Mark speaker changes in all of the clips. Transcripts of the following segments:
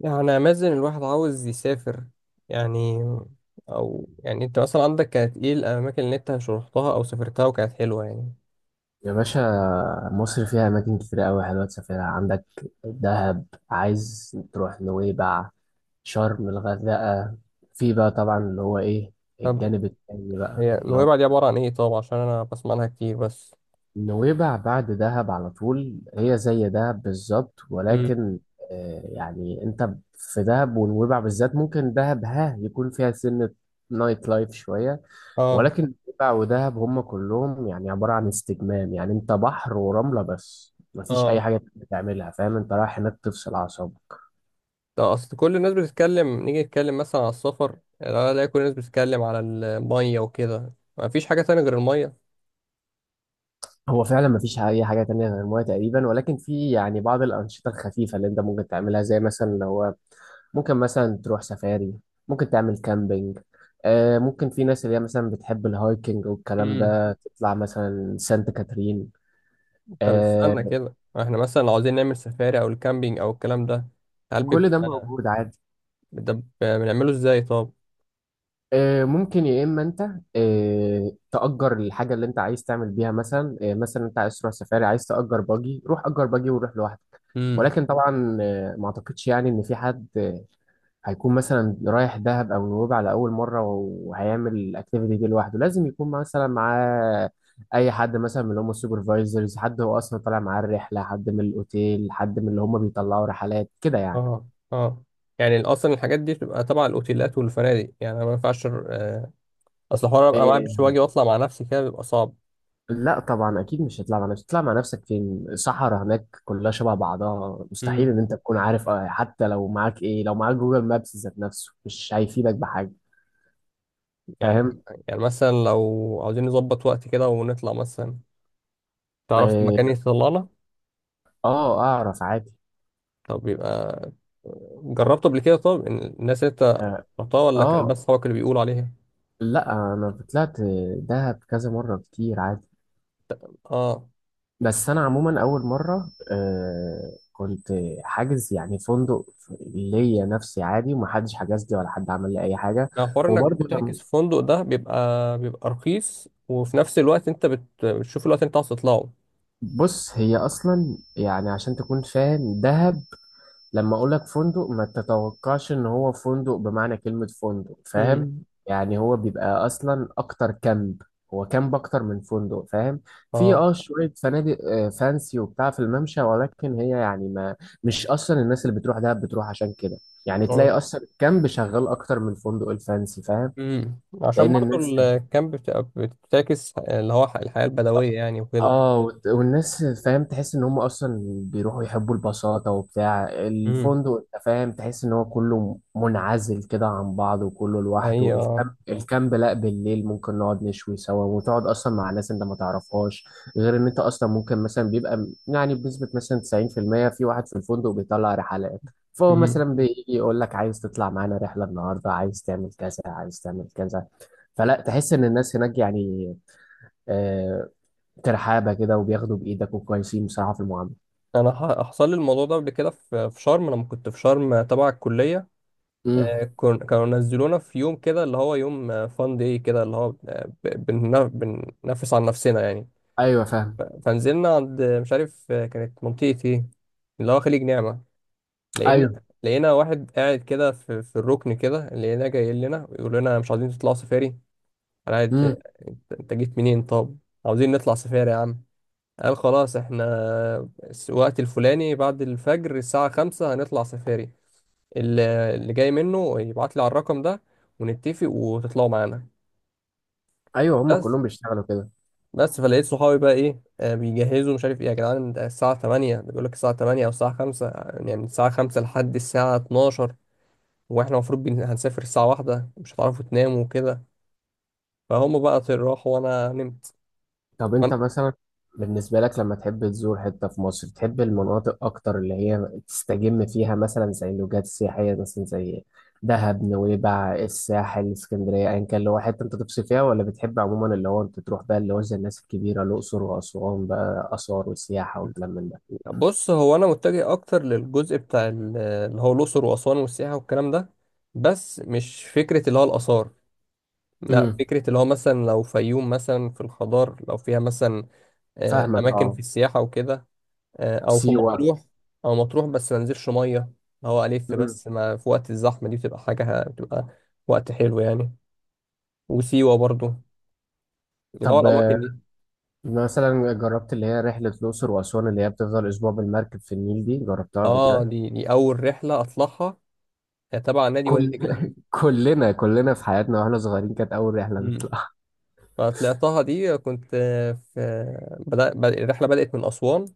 Speaker 1: يعني امازن الواحد عاوز يسافر يعني. او يعني انت مثلا عندك كانت ايه الاماكن اللي انت رحتها او سافرتها وكانت حلوه يعني؟
Speaker 2: يا باشا، مصر فيها أماكن كتير أوي حلوة تسافرها. عندك دهب، عايز تروح نويبع، شرم، الغردقة. في بقى طبعا اللي هو إيه،
Speaker 1: طب
Speaker 2: الجانب التاني بقى
Speaker 1: هي
Speaker 2: اللي هو
Speaker 1: نويبع دي عباره عن ايه؟ طب عشان انا بسمع عنها كتير بس.
Speaker 2: نويبع بعد دهب على طول. هي زي دهب بالظبط،
Speaker 1: امم.
Speaker 2: ولكن يعني انت في دهب ونويبع بالذات، ممكن دهب ها يكون فيها سنة نايت لايف شوية،
Speaker 1: اه.
Speaker 2: ولكن نويبع ودهب هم كلهم يعني عبارة عن استجمام. يعني انت بحر ورملة، بس مفيش اي
Speaker 1: اه.
Speaker 2: حاجة بتعملها. فاهم؟ انت رايح هناك تفصل اعصابك.
Speaker 1: طب اصل كل الناس بتتكلم، نيجي نتكلم مثلا على السفر، لا لا كل الناس بتتكلم على الميه وكده، ما فيش حاجه تانية غير الميه.
Speaker 2: هو فعلا مفيش اي حاجه تانية غير الميه تقريبا، ولكن في يعني بعض الانشطه الخفيفه اللي انت ممكن تعملها. زي مثلا لو هو ممكن مثلا تروح سفاري، ممكن تعمل كامبينج. آه ممكن في ناس اللي هي مثلا بتحب الهايكنج والكلام
Speaker 1: امم.
Speaker 2: ده، تطلع مثلا سانت كاترين.
Speaker 1: طب استنى
Speaker 2: آه.
Speaker 1: كده، احنا مثلا لو عاوزين نعمل سفاري او الكامبينج او الكلام ده، هل
Speaker 2: كل ده
Speaker 1: بيبقى
Speaker 2: موجود عادي.
Speaker 1: ده بنعمله ازاي طب؟
Speaker 2: آه ممكن يا اما انت آه تأجر الحاجه اللي انت عايز تعمل بيها. مثلا آه مثلا انت عايز تروح سفاري، عايز تأجر باجي، روح أجر باجي وروح لوحدك. ولكن طبعا ما اعتقدش يعني ان في حد هيكون مثلا رايح دهب او نويبع على اول مره وهيعمل الاكتيفيتي دي لوحده. لازم يكون مثلا معاه اي حد مثلا من اللي هم السوبرفايزرز، حد هو اصلا طالع معاه الرحله، حد من الاوتيل، حد من اللي هم بيطلعوا رحلات كده يعني.
Speaker 1: اه. اه. يعني اصلا الحاجات دي بتبقى تبع الاوتيلات والفنادق يعني، انا ما ينفعش. اصل حوار ابقى معايا
Speaker 2: إيه.
Speaker 1: بيش واجي واطلع مع نفسي كده بيبقى صعب.
Speaker 2: لا طبعا اكيد مش هتطلع مع نفسك. تطلع مع نفسك فين؟ صحراء هناك كلها شبه بعضها، مستحيل
Speaker 1: امم.
Speaker 2: ان انت تكون عارف. حتى لو معاك ايه، لو معاك جوجل مابس ذات نفسه مش هيفيدك بحاجه.
Speaker 1: يعني.
Speaker 2: فاهم؟
Speaker 1: يعني مثلا لو عاوزين نظبط وقت كده ونطلع مثلا، تعرف
Speaker 2: اه
Speaker 1: مكان يطلعنا؟
Speaker 2: اعرف عادي.
Speaker 1: طب يبقى جربته قبل كده؟ طب إن الناس اللي انت
Speaker 2: اه
Speaker 1: رحتها، ولا كان بس
Speaker 2: آه.
Speaker 1: صحابك اللي بيقولوا عليها؟
Speaker 2: لا انا طلعت دهب كذا مره كتير عادي.
Speaker 1: اه.
Speaker 2: بس انا عموما اول مره آه كنت حاجز يعني فندق ليا نفسي عادي، ومحدش حجز لي ولا حد عمل لي اي حاجه.
Speaker 1: ما حوار انك
Speaker 2: وبرضه
Speaker 1: بتحجز في فندق ده بيبقى بيبقى رخيص، وفي نفس الوقت انت بتشوف الوقت اللي انت عاوز تطلعه.
Speaker 2: بص، هي اصلا يعني عشان تكون فاهم دهب، لما اقولك فندق ما تتوقعش ان هو فندق بمعنى كلمة فندق.
Speaker 1: امم.
Speaker 2: فاهم يعني؟ هو بيبقى اصلا اكتر كامب. هو كامب اكتر من فندق، فاهم؟ في
Speaker 1: اه.
Speaker 2: اه شوية فنادق فانسي وبتاع في الممشى، ولكن هي يعني ما، مش اصلا الناس اللي بتروح دهب بتروح عشان كده. يعني تلاقي اصلا الكامب شغال اكتر من الفندق الفانسي، فاهم؟
Speaker 1: امم، عشان
Speaker 2: لان
Speaker 1: برضو
Speaker 2: الناس،
Speaker 1: الكامب بتبقى بتعكس اللي هو الحياة البدوية يعني وكده.
Speaker 2: اه والناس، فاهم، تحس ان هم اصلا بيروحوا يحبوا البساطة وبتاع.
Speaker 1: امم.
Speaker 2: الفندق انت فاهم تحس ان هو كله منعزل كده عن بعض وكله لوحده.
Speaker 1: ايوه.
Speaker 2: الكامب، الكامب لا، بالليل ممكن نقعد نشوي سوا وتقعد اصلا مع ناس انت ما تعرفهاش. غير ان انت اصلا ممكن مثلا بيبقى يعني بنسبة مثلا 90% في المية في واحد في الفندق بيطلع رحلات، فهو مثلا
Speaker 1: امم.
Speaker 2: بيجي يقول لك عايز تطلع معانا رحلة النهاردة، عايز تعمل كذا، عايز تعمل كذا. فلا، تحس ان الناس هناك يعني آه، ترحابه كده، وبياخدوا بايدك وكويسين بصراحه في المعامله.
Speaker 1: انا حصل لي الموضوع ده قبل كده في شرم لما كنت في شرم تبع الكلية.
Speaker 2: امم.
Speaker 1: كانوا نزلونا في يوم كده اللي هو يوم فان داي كده اللي هو بننفس عن نفسنا يعني.
Speaker 2: ايوه فاهم.
Speaker 1: فنزلنا عند مش عارف، كانت منطقة ايه، اللي هو خليج نعمة. لقينا،
Speaker 2: ايوه.
Speaker 1: لقينا واحد قاعد كده في الركن كده، لقيناه جاي لنا يقول لنا مش عايزين تطلعوا سفاري؟ انا عايز.
Speaker 2: امم.
Speaker 1: انت أنت جيت منين طب؟ عاوزين نطلع سفاري يا عم. قال خلاص احنا الوقت الفلاني بعد الفجر الساعة خمسة هنطلع سفاري، اللي جاي منه يبعت لي على الرقم ده ونتفق وتطلعوا معانا.
Speaker 2: ايوه هم
Speaker 1: بس.
Speaker 2: كلهم بيشتغلوا كده.
Speaker 1: بس فلقيت صحابي بقى ايه، بيجهزوا مش عارف ايه يا جدعان، ده الساعة 8. بيقول لك الساعة 8 او الساعة 5، يعني من الساعة 5 لحد الساعة 12، واحنا المفروض هنسافر الساعة واحدة، مش هتعرفوا تناموا وكده. فهم بقى راحوا وانا نمت.
Speaker 2: طب انت مثلا بالنسبه لك لما تحب تزور حته في مصر، تحب المناطق اكتر اللي هي تستجم فيها مثلا، زي اللوجات السياحيه مثلا زي دهب، نويبع، الساحل، اسكندريه، ايا كان اللي هو حته انت تفصل فيها؟ ولا بتحب عموما اللي هو انت تروح بقى اللي هو زي الناس الكبيره، الاقصر واسوان بقى، اثار وسياحه وكلام من ده؟
Speaker 1: بص هو انا متجه اكتر للجزء بتاع اللي هو الاقصر واسوان والسياحه والكلام ده، بس مش فكره اللي هو الاثار. لا
Speaker 2: امم.
Speaker 1: فكره اللي هو مثلا لو فيوم مثلا في الخضار، لو فيها مثلا
Speaker 2: فاهمك
Speaker 1: اماكن
Speaker 2: اه.
Speaker 1: في السياحه وكده، او في
Speaker 2: سيوه.
Speaker 1: مطروح. او مطروح بس ما انزلش ميه، اللي هو الف
Speaker 2: امم.
Speaker 1: بس ما في وقت الزحمه دي بتبقى حاجه بتبقى وقت حلو يعني. وسيوه برضو، اللي هو
Speaker 2: طب
Speaker 1: الاماكن دي.
Speaker 2: مثلا جربت اللي هي رحلة الأقصر وأسوان اللي هي بتفضل أسبوع بالمركب في النيل؟ دي جربتها قبل
Speaker 1: اه،
Speaker 2: كده؟
Speaker 1: دي اول رحله اطلعها، تبع نادي وادي
Speaker 2: كل كلنا في حياتنا وإحنا صغيرين كانت أول رحلة
Speaker 1: دجله.
Speaker 2: نطلعها.
Speaker 1: أنا طلعتها دي كنت في الرحلة بدأت من أسوان،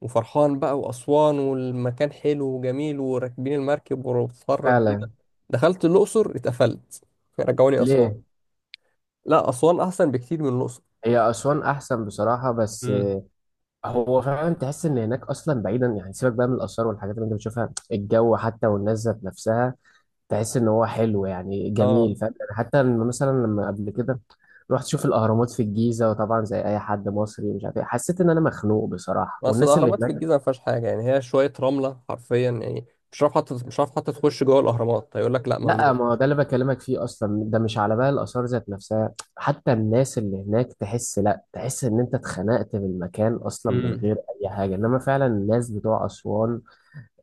Speaker 1: وفرحان بقى وأسوان والمكان حلو وجميل وراكبين المركب وبتتفرج بيه
Speaker 2: فعلا.
Speaker 1: ده. دخلت الأقصر اتقفلت، رجعوني أسوان.
Speaker 2: ليه؟
Speaker 1: لا أسوان أحسن بكتير من الأقصر.
Speaker 2: هي أسوان أحسن بصراحة، بس
Speaker 1: امم.
Speaker 2: هو فعلا تحس إن هناك أصلا بعيدا يعني، سيبك بقى من الآثار والحاجات اللي أنت بتشوفها، الجو حتى والناس ذات نفسها تحس إن هو حلو يعني،
Speaker 1: اه.
Speaker 2: جميل. فاهم يعني؟ حتى مثلا لما قبل كده رحت اشوف الاهرامات في الجيزه، وطبعا زي اي حد مصري مش عارف ايه، حسيت ان انا مخنوق بصراحه.
Speaker 1: بس
Speaker 2: والناس اللي
Speaker 1: الأهرامات في
Speaker 2: هناك،
Speaker 1: الجيزة ما فيهاش حاجة يعني، هي شوية رملة حرفيا يعني. مش عارف حتى، مش عارف حتى تخش جوه الأهرامات، هيقول لك لا
Speaker 2: لا
Speaker 1: ممنوع.
Speaker 2: ما هو ده اللي بكلمك فيه اصلا. ده مش على بقى الاثار ذات نفسها، حتى الناس اللي هناك تحس، لا تحس ان انت اتخنقت من المكان اصلا من
Speaker 1: امم.
Speaker 2: غير اي حاجه. انما فعلا الناس بتوع اسوان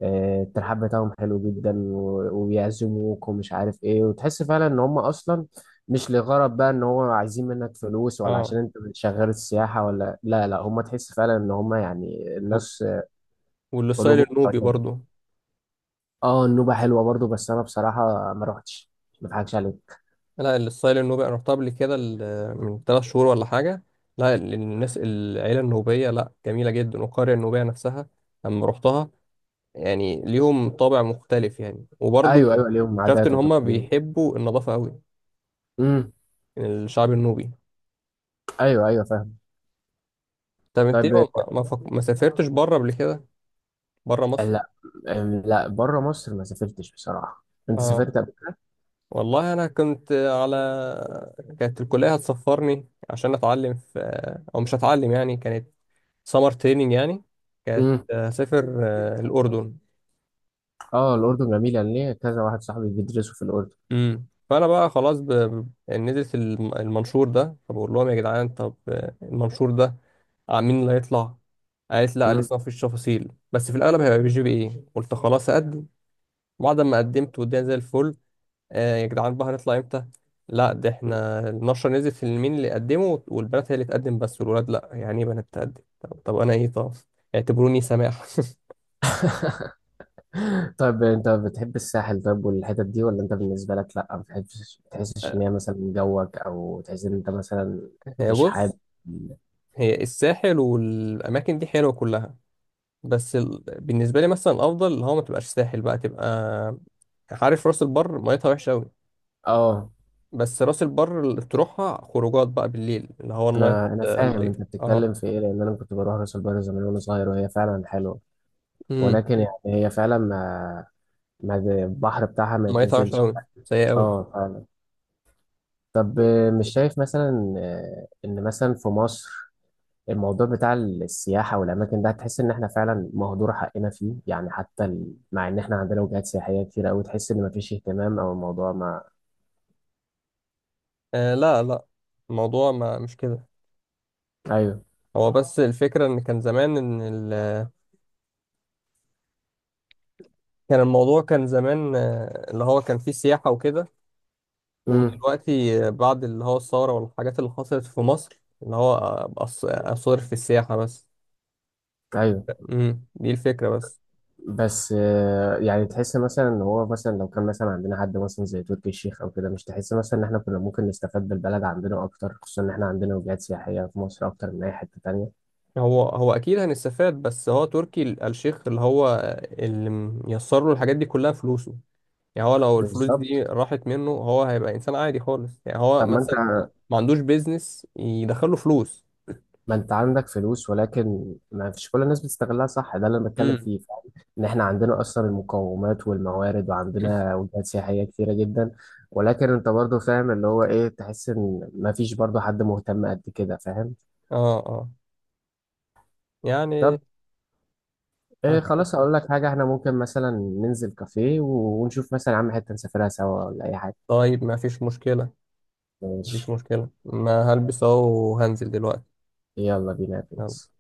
Speaker 2: الترحاب بتاعهم حلو جدا، وبيعزموك ومش عارف ايه، وتحس فعلا ان هم اصلا مش لغرض بقى ان هو عايزين منك فلوس، ولا
Speaker 1: اه.
Speaker 2: عشان انت شغال السياحه، ولا لا لا، هم تحس فعلا ان هم يعني
Speaker 1: و-
Speaker 2: الناس
Speaker 1: والسايل
Speaker 2: قلوبهم
Speaker 1: النوبي
Speaker 2: طيبه.
Speaker 1: برضو.
Speaker 2: اه النوبه حلوه برضو، بس انا بصراحه ما روحتش. ما اضحكش عليك.
Speaker 1: لا الستايل النوبي انا رحتها قبل كده من ثلاث شهور ولا حاجه. لا الناس العيله النوبيه لا جميله جدا، والقريه النوبيه نفسها لما رحتها يعني ليهم طابع مختلف يعني. وبرضه
Speaker 2: ايوه ايوه ليهم
Speaker 1: شفت
Speaker 2: عادات
Speaker 1: ان هم
Speaker 2: وتقاليد.
Speaker 1: بيحبوا النظافه قوي،
Speaker 2: امم.
Speaker 1: يعني الشعب النوبي.
Speaker 2: ايوه ايوه فاهم.
Speaker 1: طب انت ليه
Speaker 2: طيب
Speaker 1: ما سافرتش بره قبل كده؟ بره مصر.
Speaker 2: لا. لا بره مصر ما سافرتش بصراحه. انت
Speaker 1: اه
Speaker 2: سافرت قبل كده؟
Speaker 1: والله انا كنت على، كانت الكليه هتسفرني عشان اتعلم في، او مش هتعلم يعني، كانت سمر تريننج يعني. كانت
Speaker 2: امم.
Speaker 1: هسافر الأردن.
Speaker 2: اه الاردن جميله، ليه؟ كذا واحد صاحبي بيدرسوا في الاردن.
Speaker 1: امم، فأنا بقى خلاص نزلت المنشور ده، فبقول لهم يا جدعان طب المنشور ده مين اللي هيطلع؟ قالت لا
Speaker 2: امم.
Speaker 1: لسه مفيش تفاصيل بس في الأغلب هيبقى بي جي بي إيه، قلت خلاص أقدم. بعد ما قدمت والدنيا زي الفل، آه يا جدعان بقى هنطلع إمتى؟ لا ده إحنا النشرة نزلت في مين اللي قدمه، والبنات هي اللي تقدم بس والولاد لا، يعني إيه بنات تقدم؟ طب أنا إيه طب؟ اعتبروني سماح.
Speaker 2: طيب انت بتحب الساحل طيب والحتت دي؟ ولا انت بالنسبه لك لا ما بتحبش، بتحسش ان هي مثلا جوك؟ او تحس ان انت مثلا مش
Speaker 1: بص،
Speaker 2: حابب؟
Speaker 1: هي الساحل والأماكن دي حلوة كلها، بس ال... بالنسبة لي مثلا الأفضل اللي هو ما تبقاش ساحل بقى، تبقى عارف راس البر، ميتها وحشة أوي،
Speaker 2: اه
Speaker 1: بس راس البر اللي تروحها خروجات بقى بالليل، اللي هو النايت
Speaker 2: انا فاهم
Speaker 1: اللايف.
Speaker 2: انت
Speaker 1: اه.
Speaker 2: بتتكلم في ايه، لان انا كنت بروح راس البر زمان وانا صغير وهي فعلا حلوه.
Speaker 1: امم.
Speaker 2: ولكن يعني هي فعلا ما البحر بتاعها ما
Speaker 1: ميتها وحشة
Speaker 2: يتنزلش.
Speaker 1: أوي، سيئة أوي.
Speaker 2: اه فعلا. طب مش شايف مثلا ان مثلا في مصر الموضوع بتاع السياحة والأماكن ده تحس إن إحنا فعلا مهدور حقنا فيه؟ يعني حتى مع إن إحنا عندنا وجهات سياحية كتير أوي، تحس إن مفيش اهتمام أو الموضوع ما.
Speaker 1: آه لا لا، الموضوع ما مش كده.
Speaker 2: أيوه.
Speaker 1: هو بس الفكرة إن كان زمان إن ال... كان الموضوع كان زمان اللي هو كان فيه سياحة وكده،
Speaker 2: امم.
Speaker 1: ودلوقتي بعد اللي هو الثورة والحاجات اللي حصلت في مصر إن هو أبقى أصرف في السياحة بس.
Speaker 2: أيوه.
Speaker 1: امم، دي الفكرة بس.
Speaker 2: بس يعني تحس مثلا إن هو مثلا لو كان مثلا عندنا حد مثلا زي تركي الشيخ أو كده، مش تحس مثلا إن إحنا كنا ممكن نستفاد بالبلد عندنا أكتر؟ خصوصا إن إحنا عندنا وجهات سياحية في مصر أكتر من أي حتة تانية.
Speaker 1: هو أكيد هنستفاد، بس هو تركي الشيخ اللي هو اللي ميسر له الحاجات دي كلها فلوسه، يعني هو لو الفلوس دي
Speaker 2: بالظبط.
Speaker 1: راحت منه هو هيبقى إنسان عادي خالص يعني. هو
Speaker 2: طب ما انت،
Speaker 1: مثلا ما عندوش بيزنس يدخله فلوس.
Speaker 2: ما انت عندك فلوس ولكن ما فيش كل الناس بتستغلها، صح؟ ده اللي انا بتكلم
Speaker 1: امم.
Speaker 2: فيه، فاهم؟ ان احنا عندنا اصلا المقومات والموارد وعندنا وجهات سياحيه كتيره جدا، ولكن انت برضو فاهم اللي هو ايه، تحس ان ما فيش برضو حد مهتم قد كده، فاهم؟
Speaker 1: اه. اه. يعني.
Speaker 2: طب ايه، خلاص اقول لك حاجه، احنا ممكن مثلا ننزل كافيه ونشوف مثلا يا عم حته نسافرها سوا ولا اي حاجه.
Speaker 1: طيب ما فيش مشكلة. مفيش
Speaker 2: ماشي.
Speaker 1: مشكلة، ما هلبس اهو وهنزل دلوقتي.
Speaker 2: يلا بينا يا برنس.